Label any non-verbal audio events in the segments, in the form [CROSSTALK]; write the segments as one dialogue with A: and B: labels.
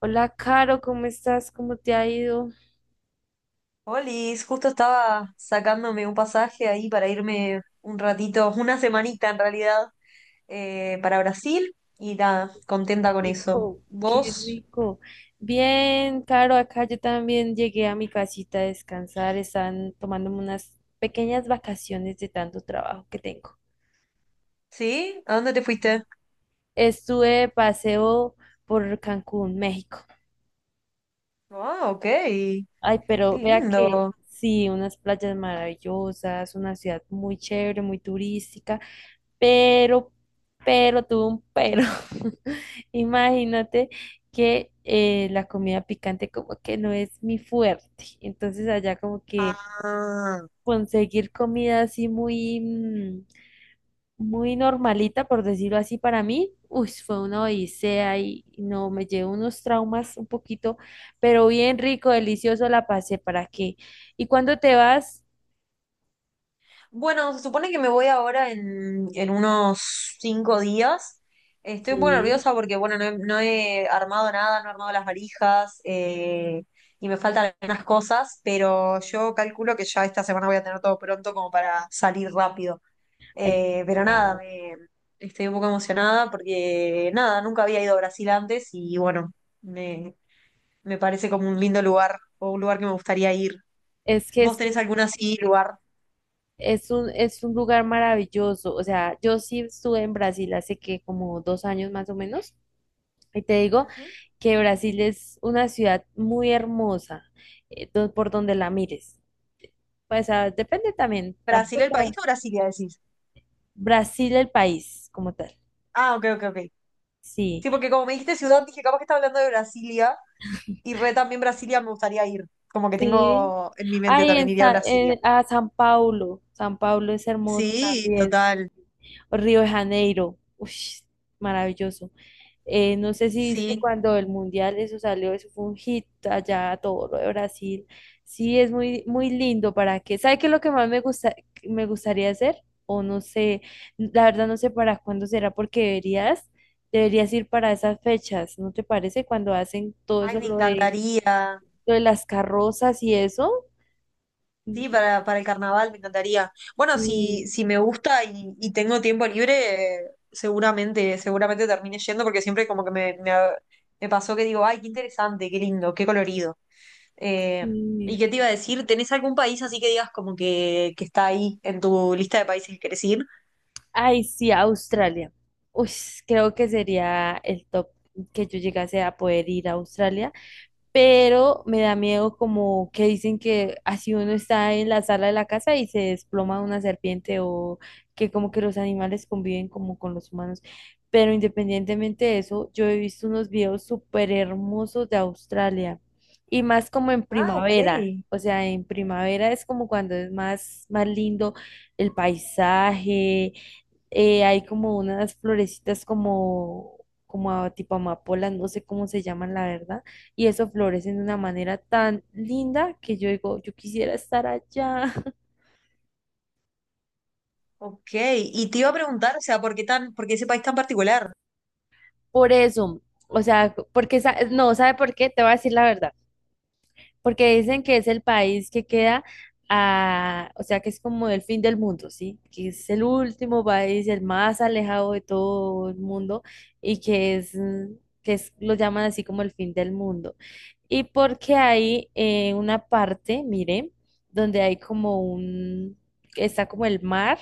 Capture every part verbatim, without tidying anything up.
A: Hola, Caro, ¿cómo estás? ¿Cómo te ha ido?
B: Olis, justo estaba sacándome un pasaje ahí para irme un ratito, una semanita en realidad, eh, para Brasil y nada, contenta
A: Qué
B: con eso.
A: rico. Qué
B: ¿Vos?
A: rico. Bien, Caro, acá yo también llegué a mi casita a descansar. Están tomándome unas pequeñas vacaciones de tanto trabajo que tengo.
B: ¿Sí? ¿A dónde te fuiste?
A: Estuve de paseo por Cancún, México.
B: Ah, ok, qué
A: Ay, pero vea que
B: lindo.
A: sí, unas playas maravillosas, una ciudad muy chévere, muy turística. Pero, pero tuvo un pero. [LAUGHS] Imagínate que eh, la comida picante como que no es mi fuerte. Entonces allá como que
B: Ah,
A: conseguir comida así muy, mm, muy normalita, por decirlo así, para mí, uy, fue una odisea y no, me llevo unos traumas un poquito, pero bien rico, delicioso la pasé, ¿para qué? ¿Y cuando te vas?
B: bueno, se supone que me voy ahora en, en unos cinco días. Estoy un poco
A: Sí,
B: nerviosa porque, bueno, no he, no he armado nada, no he armado las valijas eh, y me faltan algunas cosas, pero yo calculo que ya esta semana voy a tener todo pronto como para salir rápido.
A: ay,
B: Eh, pero nada,
A: claro.
B: me- estoy un poco emocionada porque, nada, nunca había ido a Brasil antes y, bueno, me, me parece como un lindo lugar o un lugar que me gustaría ir.
A: Es que
B: ¿Vos
A: es
B: tenés algún así lugar?
A: Es un, es un lugar maravilloso. O sea, yo sí estuve en Brasil hace que como dos años más o menos. Y te digo
B: Ujú.
A: que Brasil es una ciudad muy hermosa, eh, do- por donde la mires. Pues ah, depende también.
B: ¿Brasil el país
A: Tampoco.
B: o Brasilia decís?
A: Brasil el país como tal.
B: Ah, ok, ok, ok.
A: Sí,
B: Sí, porque como me dijiste ciudad, dije, capaz que está hablando de Brasilia y re también Brasilia me gustaría ir. Como que
A: sí.
B: tengo en mi mente
A: Ay,
B: también
A: en
B: iría a
A: Sa-
B: Brasilia.
A: en- a San Paulo. San Paulo es hermoso
B: Sí,
A: también.
B: total.
A: Río de Janeiro. Uy, maravilloso. Eh, no sé si viste
B: Sí.
A: cuando el mundial eso salió, eso fue un hit allá a todo lo de Brasil. Sí, es muy, muy lindo para que. ¿Sabe qué es lo que más me gusta, me gustaría hacer? O no sé, la verdad no sé para cuándo será, porque deberías, deberías ir para esas fechas, ¿no te parece? Cuando hacen todo
B: Ay,
A: eso,
B: me
A: lo de,
B: encantaría.
A: lo de las carrozas y eso.
B: Sí, para, para el carnaval me encantaría. Bueno, si,
A: Sí,
B: si me gusta y, y tengo tiempo libre, eh, seguramente, seguramente termine yendo porque siempre como que me, me, me pasó que digo, ay, qué interesante, qué lindo, qué colorido. Eh, ¿y
A: sí.
B: qué te iba a decir? ¿Tenés algún país así que digas como que, que está ahí en tu lista de países que querés ir?
A: Ay, sí, Australia. Uy, creo que sería el top que yo llegase a poder ir a Australia. Pero me da miedo, como que dicen que así uno está en la sala de la casa y se desploma una serpiente, o que como que los animales conviven como con los humanos. Pero independientemente de eso, yo he visto unos videos súper hermosos de Australia, y más como en
B: Ah, ok.
A: primavera. O sea, en primavera es como cuando es más, más lindo el paisaje, eh, hay como unas florecitas como, como a- tipo amapolas, no sé cómo se llaman, la verdad, y eso florecen de una manera tan linda que yo digo, yo quisiera estar allá. [LAUGHS]
B: Ok. Y te iba a preguntar, o sea, ¿por qué tan, por qué ese país tan particular?
A: Por eso, o sea, porque, sa- no, ¿sabe por qué? Te voy a decir la verdad. Porque dicen que es el país que queda a, o sea, que es como el fin del mundo, ¿sí? Que es el último país, el más alejado de todo el mundo, y que es, mm, que es, lo llaman así como el fin del mundo. Y porque hay eh, una parte, mire, donde hay como un, está como el mar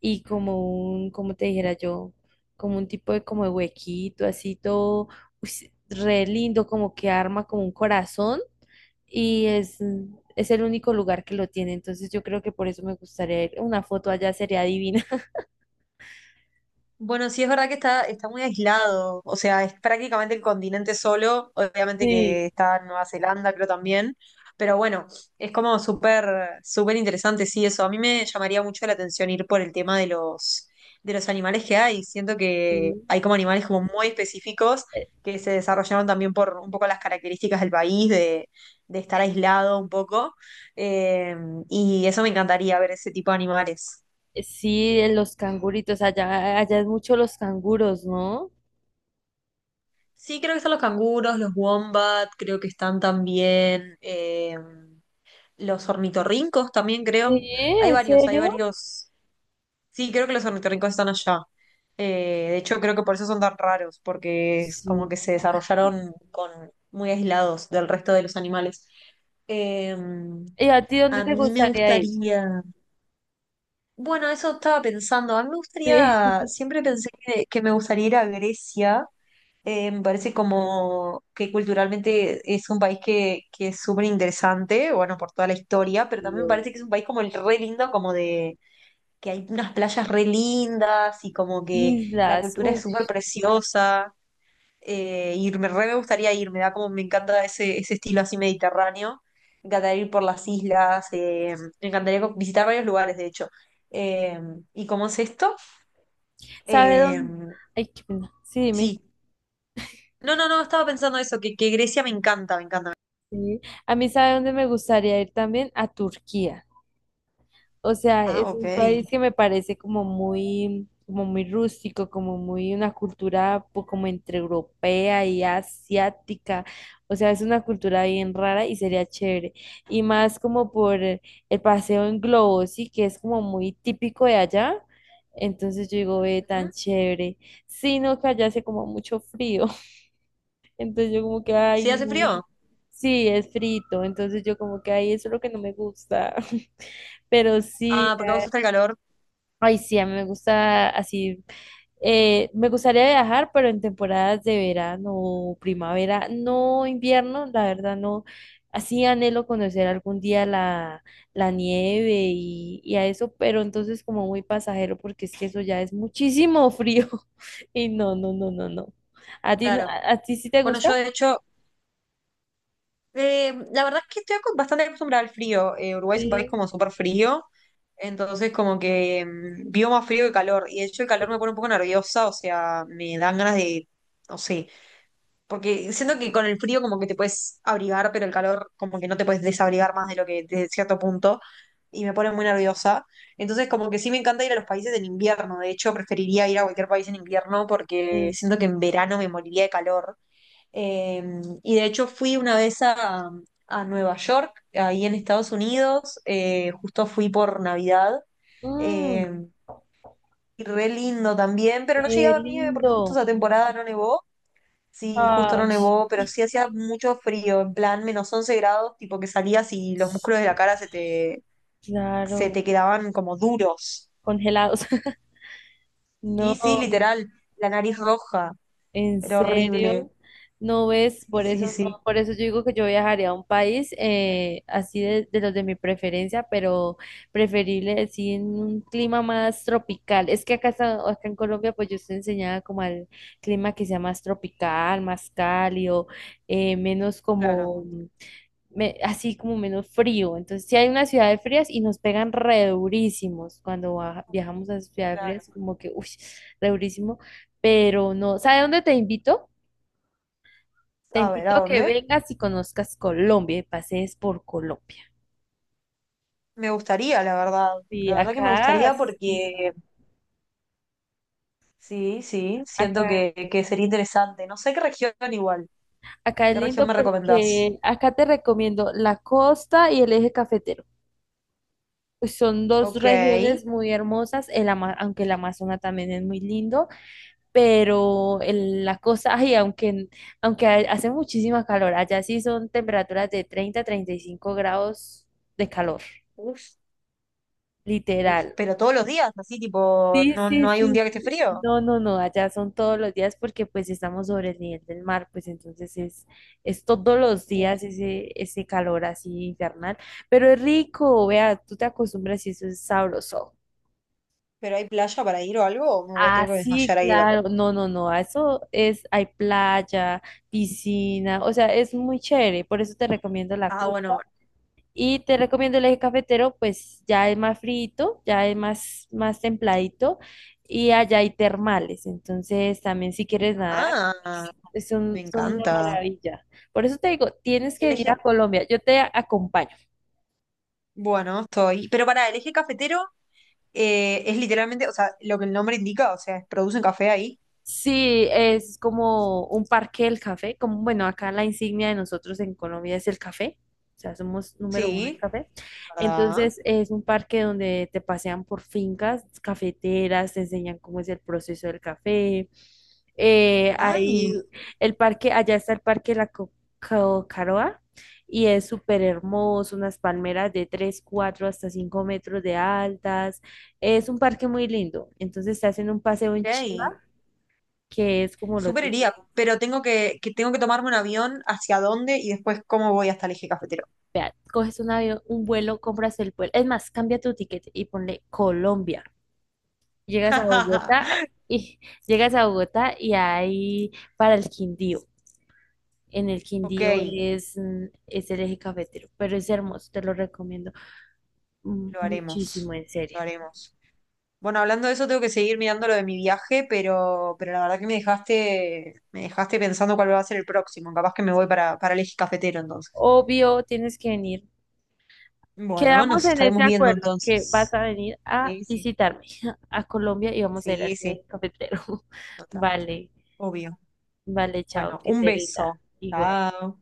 A: y como un, como te dijera yo, como un tipo de como de huequito, así todo, uy, sí, re lindo, como que arma como un corazón, y es, es el único lugar que lo tiene. Entonces yo creo que por eso me gustaría ir. Una foto allá sería divina. [LAUGHS]
B: Bueno, sí es verdad que está, está muy aislado, o sea, es prácticamente el continente solo, obviamente
A: Sí,
B: que está Nueva Zelanda, creo también, pero bueno, es como súper, súper interesante, sí, eso. A mí me llamaría mucho la atención ir por el tema de los, de los animales que hay. Siento que
A: sí.
B: hay como animales como muy específicos
A: Eh,
B: que se desarrollaron también por un poco las características del país, de, de estar aislado un poco, eh, y eso me encantaría ver ese tipo de animales.
A: Sí, en los canguritos, allá, allá es mucho los canguros, ¿no?
B: Sí, creo que están los canguros, los wombat, creo que están también eh, los ornitorrincos también creo.
A: Sí,
B: Hay
A: ¿en
B: varios, hay
A: serio?
B: varios. Sí, creo que los ornitorrincos están allá. Eh, de hecho, creo que por eso son tan raros, porque es como
A: Sí.
B: que se desarrollaron con, muy aislados del resto de los animales. Eh,
A: ¿Y a ti dónde
B: a
A: te
B: mí me
A: gustaría ir?
B: gustaría, bueno, eso estaba pensando, a mí me
A: Sí.
B: gustaría,
A: [LAUGHS]
B: siempre pensé que, que me gustaría ir a Grecia eh, me parece como que culturalmente es un país que, que es súper interesante, bueno, por toda la historia, pero también me
A: Dios.
B: parece que es un país como el re lindo, como de que hay unas playas re lindas y como que la
A: Islas,
B: cultura
A: uh,
B: es súper preciosa. Eh, y me re me gustaría ir, me da como, me encanta ese, ese estilo así mediterráneo. Me encantaría ir por las islas, eh, me encantaría co- visitar varios lugares, de hecho. Eh, ¿y cómo es esto?
A: ¿sabe
B: Eh,
A: dónde? Ay, qué pena. Sí, dime.
B: sí. No, no, no, estaba pensando eso, que, que Grecia me encanta, me encanta.
A: Sí. A mí, ¿sabe dónde me gustaría ir también? A Turquía. O sea,
B: Ah,
A: es
B: ok.
A: un país que me parece como muy, como muy, rústico, como muy una cultura po- como entre europea y asiática. O sea, es una cultura bien rara y sería chévere. Y más como por el paseo en globo, sí, que es como muy típico de allá. Entonces yo digo, ve, tan
B: Ujú.
A: chévere. Sino que allá hace como mucho frío. [LAUGHS] Entonces yo como que, ay,
B: ¿Sí hace
A: no.
B: frío?
A: Sí, es frito. Entonces yo como que, ay, eso es lo que no me gusta. [LAUGHS] Pero sí.
B: Ah, porque a vos gusta el calor,
A: Ay, sí, a mí me gusta así. eh, me gustaría viajar, pero en temporadas de verano, primavera, no invierno, la verdad no. Así anhelo conocer algún día la, la, nieve y, y a eso, pero entonces como muy pasajero, porque es que eso ya es muchísimo frío. [LAUGHS] Y no, no, no, no, no. ¿A ti, no-
B: claro.
A: a, a ti sí te
B: Bueno, yo
A: gusta?
B: de hecho, eh, la verdad es que estoy acos- bastante acostumbrada al frío. Eh, Uruguay es un país
A: Sí,
B: como súper frío, entonces como que mm, vivo más frío que calor. Y de hecho el
A: sí.
B: calor me pone un poco nerviosa, o sea, me dan ganas de, no sé, porque siento que con el frío como que te puedes abrigar, pero el calor como que no te puedes desabrigar más de lo que de cierto punto. Y me pone muy nerviosa. Entonces como que sí me encanta ir a los países en invierno. De hecho, preferiría ir a cualquier país en invierno porque
A: Uf.
B: siento que en verano me moriría de calor. Eh, y de hecho fui una vez a, a Nueva York, ahí en Estados Unidos. Eh, justo fui por Navidad.
A: Mm,
B: Eh, y re lindo también, pero no llegué a
A: Qué
B: ver nieve porque justo
A: lindo.
B: esa temporada no nevó. Sí, justo no
A: Ay,
B: nevó, pero sí hacía mucho frío, en plan menos once grados, tipo que salías y los músculos de la cara se te, se
A: claro.
B: te quedaban como duros.
A: Congelados. [LAUGHS]
B: Sí, sí,
A: No.
B: literal, la nariz roja,
A: ¿En
B: era horrible.
A: serio? ¿No ves?
B: Sí,
A: Por
B: sí,
A: eso
B: sí,
A: no, por eso yo digo que yo viajaría a un país, eh, así de, de los de mi preferencia, pero preferible así en un clima más tropical. Es que acá, está- acá en Colombia, pues yo estoy enseñada como al clima que sea más tropical, más cálido, eh, menos
B: claro,
A: como me- así como menos frío. Entonces, sí hay unas ciudades frías y nos pegan re durísimos cuando baja- viajamos a ciudades
B: claro.
A: frías, como que, uy, re durísimo. Pero no, ¿sabe dónde te invito? Te
B: A ver, ¿a
A: invito a que
B: dónde?
A: vengas y conozcas Colombia, y pasees por Colombia.
B: Me gustaría, la verdad.
A: Sí,
B: La verdad que me
A: acá es
B: gustaría porque
A: divino.
B: sí, sí, siento
A: Acá,
B: que, que sería interesante. No sé qué región igual.
A: acá es
B: ¿Qué región
A: lindo
B: me recomendás?
A: porque acá te recomiendo la costa y el eje cafetero. Pues son dos
B: Ok.
A: regiones muy hermosas, el ama- aunque el Amazonas también es muy lindo. Pero el- la cosa, ay, aunque, aunque ha- hace muchísima calor. Allá sí son temperaturas de treinta a treinta y cinco grados de calor,
B: Uf. Uf,
A: literal.
B: pero todos los días, así tipo,
A: Sí,
B: no,
A: sí,
B: no hay un
A: sí,
B: día que esté
A: sí.
B: frío.
A: No, no, no, allá son todos los días porque pues estamos sobre el nivel del mar. Pues entonces es, es todos los días
B: Uf,
A: ese, ese calor así infernal, pero es rico, vea, tú te acostumbras y eso es sabroso.
B: ¿pero hay playa para ir o algo? ¿O me
A: Ah,
B: tengo que
A: sí,
B: desmayar ahí de calor?
A: claro. No, no, no. a Eso es, hay playa, piscina, o sea, es muy chévere. Por eso te recomiendo la
B: Ah, bueno,
A: costa.
B: bueno.
A: Y te recomiendo el eje cafetero, pues ya es más frito, ya es más, más templadito. Y allá hay termales. Entonces, también si quieres nadar,
B: Ah,
A: es es un-
B: me
A: son una
B: encanta.
A: maravilla. Por eso te digo, tienes que
B: El
A: ir a
B: eje,
A: Colombia. Yo te acompaño.
B: bueno, estoy. Pero pará, el eje cafetero eh, es literalmente, o sea, lo que el nombre indica, o sea, es- producen café ahí.
A: Sí, es como un parque del café, como bueno, acá la insignia de nosotros en Colombia es el café, o sea, somos número uno en
B: Sí,
A: café.
B: ¿verdad?
A: Entonces es un parque donde te pasean por fincas cafeteras, te enseñan cómo es el proceso del café. Eh,
B: Ay,
A: ahí el parque, allá está el parque de la Co- Co- Caroa, y es súper hermoso, unas palmeras de tres, cuatro hasta cinco metros de altas. Es un parque muy lindo, entonces te hacen un paseo en
B: ok.
A: Chiva que es como lo
B: Súper iría,
A: típico.
B: pero tengo que, que tengo que tomarme un avión hacia dónde y después cómo voy hasta el eje cafetero.
A: Vea, coges un avión, un vuelo, compras el vuelo. Es más, cambia tu ticket y ponle Colombia. Llegas a Bogotá
B: [LAUGHS]
A: y [LAUGHS] llegas a Bogotá y ahí para el Quindío. En el
B: Ok,
A: Quindío es, mm, es el eje cafetero, pero es hermoso, te lo recomiendo mm,
B: lo haremos.
A: muchísimo, en
B: Lo
A: serio.
B: haremos. Bueno, hablando de eso, tengo que seguir mirando lo de mi viaje, pero, pero la verdad que me dejaste, me dejaste pensando cuál va a ser el próximo. Capaz que me voy para, para el eje cafetero entonces.
A: Obvio, tienes que venir.
B: Bueno,
A: Quedamos
B: nos
A: en ese
B: estaremos viendo
A: acuerdo que vas
B: entonces.
A: a venir a
B: Sí, sí,
A: visitarme [LAUGHS] a Colombia y vamos a ir al
B: sí, sí,
A: eje cafetero. [LAUGHS]
B: total,
A: Vale.
B: obvio.
A: Vale,
B: Bueno,
A: chao, que
B: un
A: te rinda.
B: beso.
A: Igual.
B: Chao.